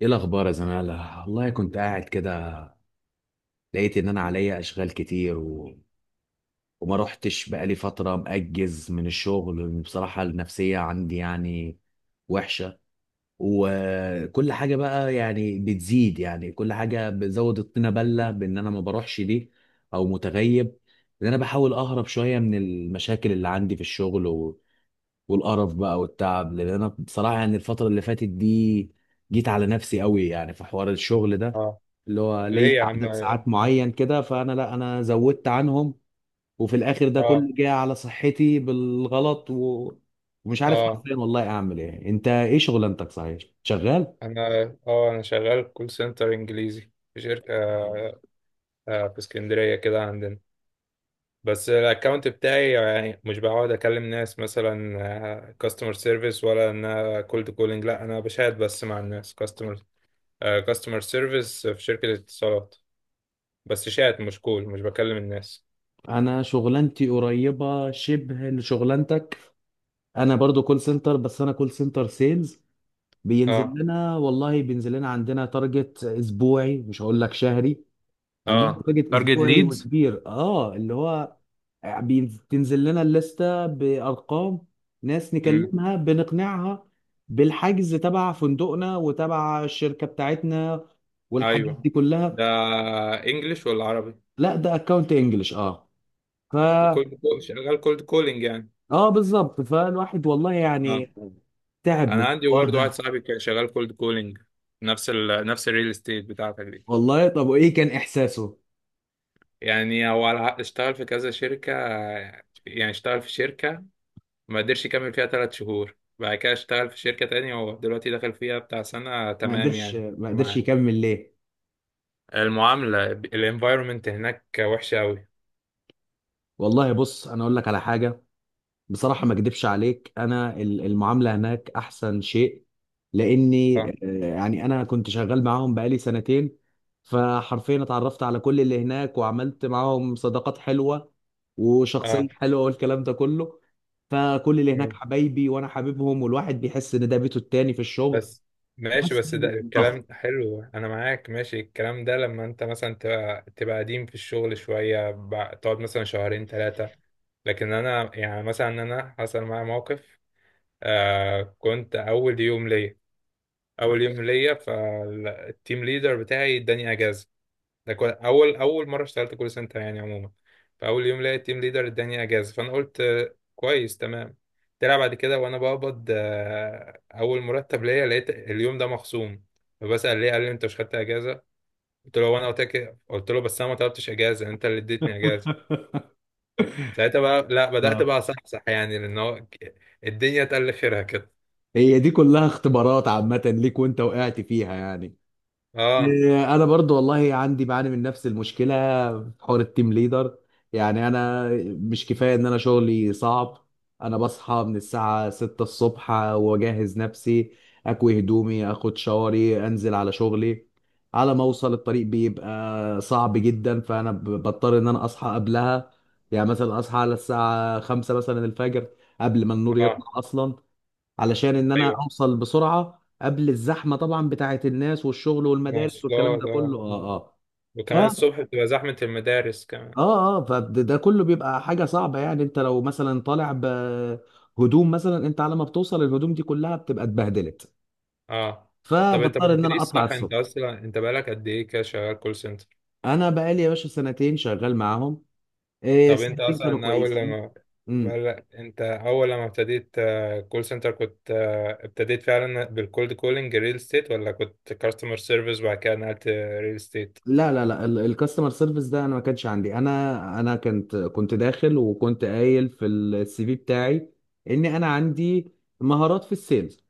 ايه الاخبار يا زماله؟ والله كنت قاعد كده، لقيت ان انا عليا اشغال كتير وما رحتش، بقالي فتره مأجز من الشغل. بصراحه النفسيه عندي يعني وحشه. وكل حاجه بقى يعني بتزيد، يعني كل حاجه بتزود الطينه بله بان انا ما بروحش دي او متغيب. ان انا بحاول اهرب شويه من المشاكل اللي عندي في الشغل والقرف بقى والتعب، لان انا بصراحه يعني الفتره اللي فاتت دي جيت على نفسي قوي يعني في حوار الشغل ده، اه. اللي هو لي ليه يا عم؟ عدد ساعات معين كده فانا، لا، انا زودت عنهم. وفي الاخر ده كله اه جاي على صحتي بالغلط ومش عارف اه حرفيا والله اعمل ايه. انت ايه شغلانتك؟ صحيح شغال؟ انا اه انا شغال كول سنتر انجليزي في شركه، في اسكندريه كده عندنا. بس الاكونت بتاعي يعني مش بقعد اكلم ناس مثلا كاستمر سيرفيس، ولا ان انا كولد كولينج. لا، انا بشات بس مع الناس. كاستمر سيرفيس في شركه اتصالات. بس شات، مش كول، مش بكلم الناس. انا شغلانتي قريبه شبه لشغلانتك. انا برضو كول سنتر بس انا كول سنتر سيلز. بينزل اه، لنا والله بينزل لنا، عندنا تارجت اسبوعي مش هقول لك شهري. عندنا اه، بادجت تارجت اسبوعي ليدز. وكبير، اللي هو بتنزل لنا الليسته بارقام، ناس امم. نكلمها بنقنعها بالحجز تبع فندقنا وتبع الشركه بتاعتنا والحاجات ايوه، دي ده كلها. انجلش ولا عربي؟ لا ده اكونت انجلش. اه فا وكولد كول، شغال كولد كولينج يعني؟ اه بالظبط. فالواحد والله اه. يعني تعب انا من عندي الحوار برضه واحد ده. صاحبي كان شغال كولد كولينج، نفس الريل استيت بتاعتك دي. والله طب وايه كان احساسه؟ يعني هو اشتغل في كذا شركة، يعني اشتغل في شركة ما قدرش يكمل فيها 3 شهور، بعد كده اشتغل في شركة تانية هو دلوقتي داخل فيها بتاع سنة ما تمام قدرش يعني. ما قدرش معاه. يكمل ليه؟ المعاملة، الانفايرمنت هناك وحشة أوي. والله بص انا اقول لك على حاجه، بصراحة ما اكدبش عليك، انا المعاملة هناك احسن شيء. لاني اه، يعني انا كنت شغال معاهم بقالي سنتين، فحرفيا اتعرفت على كل اللي هناك وعملت معاهم صداقات حلوة اه. وشخصية حلوة والكلام ده كله. فكل اللي هناك حبايبي وانا حبيبهم، والواحد بيحس ان ده بيته التاني في الشغل. بس ماشي، بس بس ده ضغط. الكلام حلو، انا معاك ماشي الكلام ده لما انت مثلا تبقى قديم في الشغل شوية، تقعد مثلا شهرين ثلاثة. لكن انا يعني مثلا انا حصل معايا موقف. كنت اول يوم ليا. اول يوم ليا، فالتيم ليدر بتاعي اداني اجازة. ده كل اول اول مره اشتغلت كول سنتر يعني عموما. فاول يوم لقيت التيم ليدر اداني اجازه، فانا قلت كويس تمام. طلع بعد كده وانا بقبض اول مرتب ليا لقيت اليوم ده مخصوم. فبسأل ليه، قال لي انت مش خدت اجازه؟ قلت له، وانا قلت لك، قلت له بس انا ما طلبتش اجازه، انت اللي اديتني اجازه. ساعتها بقى لا بدأت آه. بقى اصحصح يعني، لان هو الدنيا تقل خيرها كده. هي دي كلها اختبارات عامة ليك وانت وقعت فيها يعني. اه، إيه، انا برضو والله عندي بعاني من نفس المشكله في حوار التيم ليدر. يعني انا مش كفايه ان انا شغلي صعب، انا بصحى من الساعه 6 الصبح واجهز نفسي، اكوي هدومي، اخد شاوري، انزل على شغلي. على ما اوصل الطريق بيبقى صعب جدا، فانا بضطر ان انا اصحى قبلها. يعني مثلا اصحى على الساعه 5 مثلا الفجر، قبل ما النور يطلع اه. اصلا، علشان ان انا ايوه، اوصل بسرعه قبل الزحمه طبعا بتاعه الناس والشغل والمدارس والكلام مواصلات. ده كله. اه اه اه ف وكمان اه الصبح بتبقى زحمه المدارس كمان. اه فده كله بيبقى حاجه صعبه. يعني انت لو مثلا طالع بهدوم مثلا، انت على ما بتوصل الهدوم دي كلها بتبقى اتبهدلت، اه. طب انت ما فبضطر ان انا قلتليش اطلع صح، انت الصبح. اصلا انت بقالك قد ايه كده شغال كول سنتر؟ انا بقالي يا باشا سنتين شغال معاهم. إيه طب انت سنتين كانوا اصلا اول كويسين. لما إمم. بقالك، انت اول لما ابتديت كول سنتر كنت ابتديت فعلا بالكولد كولينج ريل استيت، ولا كنت كاستمر سيرفيس وبعد كده نقلت ريل استيت؟ لا لا لا، الكاستمر سيرفيس ده انا ما كانش عندي. انا كنت داخل وكنت قايل في السي في بتاعي ان انا عندي مهارات في السيلز،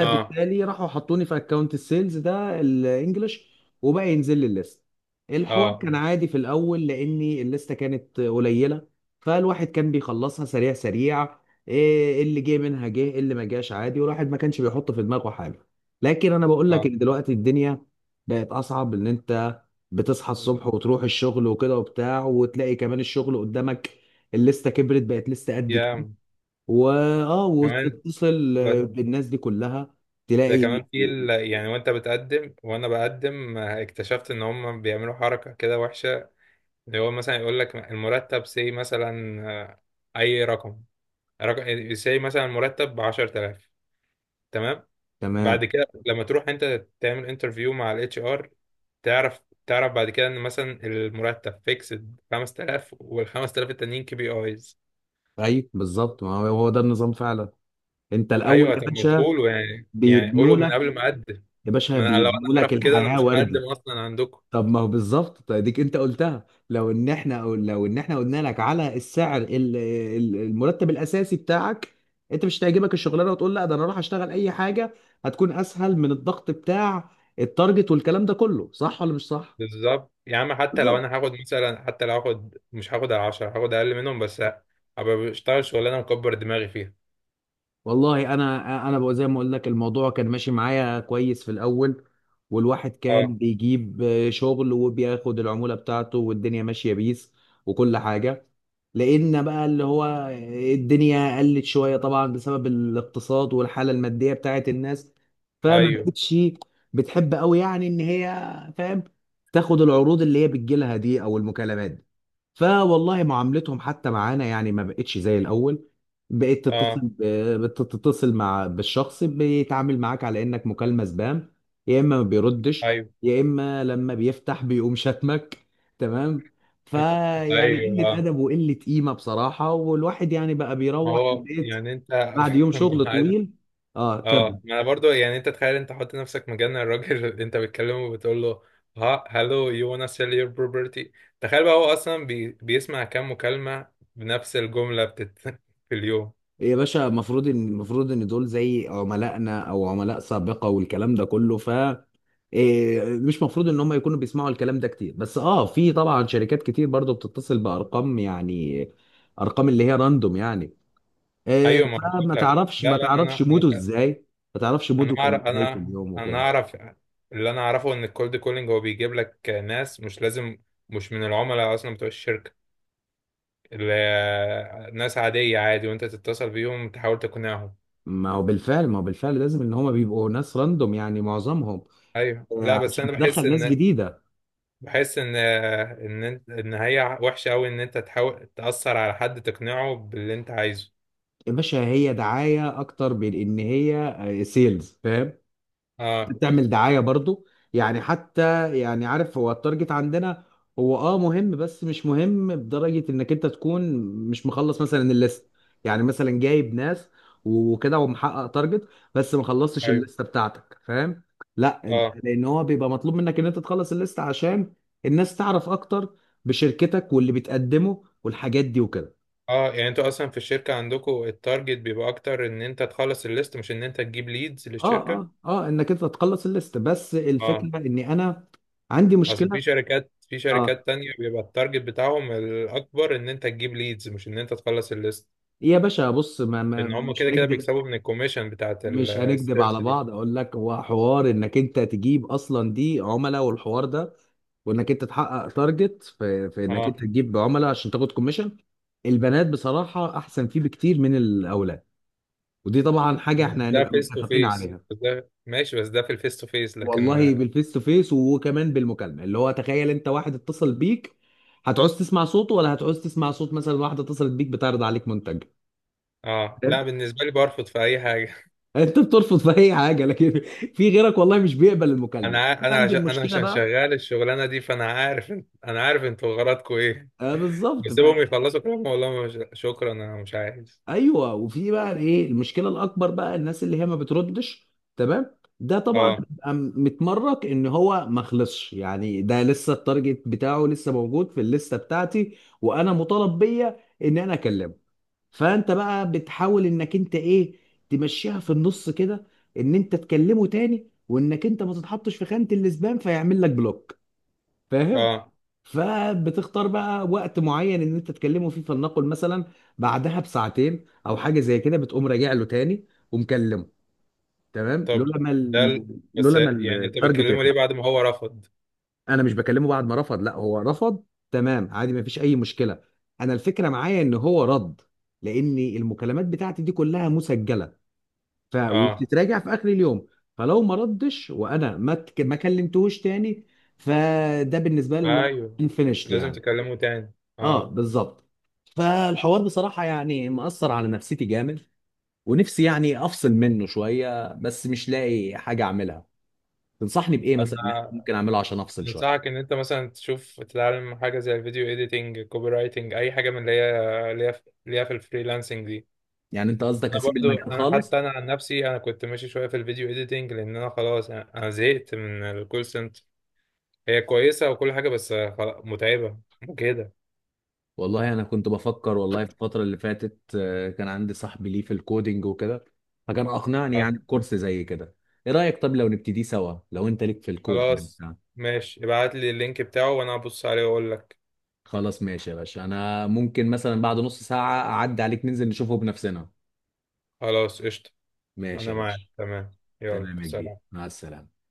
اه، راحوا حطوني في اكونت السيلز ده الانجليش. وبقى ينزل لي الليست. الحوار اه، كان عادي في الاول لاني الليسته كانت قليله، فالواحد كان بيخلصها سريع سريع. إيه اللي جه منها جه، إيه اللي ما جاش عادي، والواحد ما كانش بيحط في دماغه حاجه. لكن انا بقول لك اه. ان دلوقتي الدنيا بقت اصعب، ان انت بتصحى الصبح وتروح الشغل وكده وبتاع وتلاقي كمان الشغل قدامك، الليسته كبرت بقت لسه قد كده، يا، كمان وتتصل ب- بالناس دي كلها، ده تلاقي. كمان يعني، وانت بتقدم وانا بقدم، اكتشفت ان هم بيعملوا حركة كده وحشة، اللي هو مثلا يقول لك المرتب سي مثلا، اي رقم، رقم سي مثلا مرتب ب 10000. تمام، تمام. بعد كده لما تروح انت تعمل انترفيو مع الاتش ار، تعرف بعد كده ان مثلا المرتب فيكسد 5000 وال 5000 التانيين كي بي ايز. اي بالظبط، ما هو هو ده النظام فعلا. انت الاول ايوه، يا طب ما باشا تقولوا يعني بيبنوا قولوا من لك، قبل ما اقدم. يا باشا ما انا لو انا بيبنوا لك اعرف كده انا الحياه مش وردي. هقدم اصلا عندكم. طب ما هو بالظبط، طيب ديك انت قلتها، لو ان احنا أو لو ان احنا قلنا لك على السعر المرتب الاساسي بتاعك، انت مش هتعجبك الشغلانه وتقول لا ده انا اروح اشتغل اي حاجه هتكون اسهل من الضغط بتاع التارجت والكلام ده كله، صح ولا مش صح؟ بالظبط يا عم، حتى لو بالظبط. انا هاخد مثلا، حتى لو هاخد مش هاخد على 10، هاخد اقل منهم، بس ابقى بشتغل شغلانه مكبر دماغي فيها. والله انا بقى زي ما اقول لك، الموضوع كان ماشي معايا كويس في الاول، والواحد كان اه. بيجيب شغل وبياخد العمولة بتاعته والدنيا ماشية بيس وكل حاجة. لقينا بقى اللي هو الدنيا قلت شوية طبعا بسبب الاقتصاد والحالة المادية بتاعت الناس، فما ايوه. بقتش بتحب قوي يعني ان هي، فاهم، تاخد العروض اللي هي بتجيلها دي او المكالمات دي. فوالله معاملتهم حتى معانا يعني ما بقتش زي الاول، بقيت تتصل اه. بتتصل بالشخص، بيتعامل معاك على انك مكالمة سبام، يا اما ما بيردش ايوه. يا اما لما بيفتح بيقوم شتمك. تمام. فيعني ايوه. قلة اه. ادب وقلة قيمة بصراحة، والواحد يعني بقى ما بيروح هو البيت يعني انت بعد يوم شغل مش عايز. طويل. اه، كمل. اه، ما انا برضو يعني، انت تخيل انت حط نفسك مكان الراجل اللي انت بتكلمه وبتقول له، ها هلو يو wanna sell your property. تخيل بقى هو اصلا بيسمع كام مكالمه بنفس الجمله في اليوم. إيه يا باشا، المفروض ان دول زي عملائنا او عملاء سابقه والكلام ده كله. إيه، مش مفروض ان هم يكونوا بيسمعوا الكلام ده كتير، بس في طبعا شركات كتير برضو بتتصل بارقام، يعني ارقام اللي هي راندوم يعني. إيه، ايوه، ما بقول فما لك، تعرفش ما لا، لا، تعرفش انا موده ازاي، ما تعرفش انا موده كان اعرف، ازاي في انا اليوم انا وكده. اعرف. اللي انا اعرفه ان الكولد كولينج هو بيجيب لك ناس مش لازم مش من العملاء اصلا بتوع الشركه، اللي ناس عاديه عادي، وانت تتصل بيهم تحاول تقنعهم. ما هو بالفعل لازم ان هم بيبقوا ناس راندوم يعني معظمهم. ايوه، لا، بس عشان انا بحس تدخل ناس ان، جديده. بحس ان هي وحشه قوي ان انت تحاول تاثر على حد تقنعه باللي انت عايزه. يا باشا هي دعايه اكتر من ان هي سيلز، فاهم، اه. بتعمل دعاية برضو. يعني حتى يعني عارف، هو التارجت عندنا هو مهم بس مش مهم بدرجة انك انت تكون مش مخلص مثلا الليست. يعني مثلا جايب ناس وكده ومحقق تارجت، بس ما خلصتش ايوه. الليستة بتاعتك، فاهم؟ لا انت، اه، لان هو بيبقى مطلوب منك ان انت تخلص الليستة عشان الناس تعرف اكتر بشركتك واللي بتقدمه والحاجات دي وكده. اه، يعني انتوا اصلا في الشركه عندكم التارجت بيبقى اكتر ان انت تخلص الليست مش ان انت تجيب ليدز اه للشركه. اه اه، انك انت تخلص الليستة، بس اه، الفكرة اني انا عندي اصل مشكلة. في شركات اه تانية بيبقى التارجت بتاعهم الاكبر ان انت تجيب ليدز مش ان انت تخلص الليست، يا باشا بص، ما لان ما هم مش كده كده هنكدب بيكسبوا من الكوميشن بتاعت مش هنكدب السيلز على دي. بعض، اقول لك هو حوار انك انت تجيب اصلا دي عملاء والحوار ده، وانك انت تحقق تارجت في انك انت اه، تجيب عملاء عشان تاخد كوميشن. البنات بصراحة احسن فيه بكتير من الاولاد، ودي طبعا حاجة بس احنا ده هنبقى فيس تو متفقين فيس، عليها. بس ده ماشي، بس ده في الفيس تو فيس لكن. والله بالفيس تو فيس وكمان بالمكالمة، اللي هو تخيل انت واحد اتصل بيك، هتعوز تسمع صوته ولا هتعوز تسمع صوت مثلا واحدة اتصلت بيك بتعرض عليك منتج؟ اه، لا بالنسبه لي برفض في اي حاجه. انت بترفض في اي حاجه، لكن في غيرك والله مش بيقبل المكالمه. عندي انا المشكله عشان بقى. شغال الشغلانه دي، فانا انا عارف انتوا غرضكم ايه. آه بالظبط بقى. بسيبهم يخلصوا كلام، والله مش... شكرا، انا مش عايز. ايوه، وفي بقى ايه المشكله الاكبر بقى، الناس اللي هي ما بتردش. تمام. ده طبعا اه، بيبقى متمرك ان هو ما خلصش، يعني ده لسه التارجت بتاعه لسه موجود في الليسته بتاعتي وانا مطالب بيا ان انا اكلمه، فانت بقى بتحاول انك انت ايه، تمشيها في النص كده، ان انت تكلمه تاني وانك انت ما تتحطش في خانه الاسبام فيعمل لك بلوك، فاهم؟ اه. فبتختار بقى وقت معين ان انت تكلمه فيه، فلنقل مثلا بعدها بساعتين او حاجه زي كده بتقوم راجع له تاني ومكلمه. تمام طب لولا ما ده ال- بس لولا ما يعني انت التارجت بتكلمه ليه يخبط. بعد ما هو رفض؟ انا مش بكلمه بعد ما رفض، لا هو رفض تمام عادي ما فيش اي مشكله، انا الفكره معايا ان هو رد، لان المكالمات بتاعتي دي كلها مسجله اه. وبتتراجع في اخر اليوم. فلو ما ردش وانا ما كلمتهوش تاني، فده بالنسبه لي اللي هو ايوه، انفينيشد لازم يعني. تكلمه تاني. اه اه، بالظبط. فالحوار بصراحة يعني مأثر على نفسيتي جامد، ونفسي يعني أفصل منه شوية بس مش لاقي حاجة أعملها. تنصحني بإيه مثلا إن إحنا انا ممكن أعمله عشان أفصل شوية؟ انصحك ان انت مثلا تشوف تتعلم حاجه زي الفيديو ايديتنج، كوبي رايتنج، اي حاجه من اللي هي في الفريلانسنج دي. يعني أنت قصدك انا أسيب برضو، المجال انا خالص؟ حتى انا عن نفسي انا كنت ماشي شويه في الفيديو ايديتنج، لان انا خلاص انا زهقت من الكول سنتر. هي كويسه وكل حاجه بس خلاص متعبه وكده. والله أنا كنت بفكر والله في الفترة اللي فاتت، كان عندي صاحبي ليه في الكودينج وكده، فكان أقنعني اه، يعني بكورس زي كده. إيه رأيك طب لو نبتدي سوا لو أنت ليك في الكودينج خلاص بتاع؟ ماشي، ابعت لي اللينك بتاعه وانا هبص عليه واقول لك. خلاص ماشي يا باشا، أنا ممكن مثلا بعد نص ساعة أعدي عليك ننزل نشوفه بنفسنا. خلاص قشطة. ماشي أنا يا معاك باشا. تمام. يلا، تمام يا سلام. كبير، مع السلامة.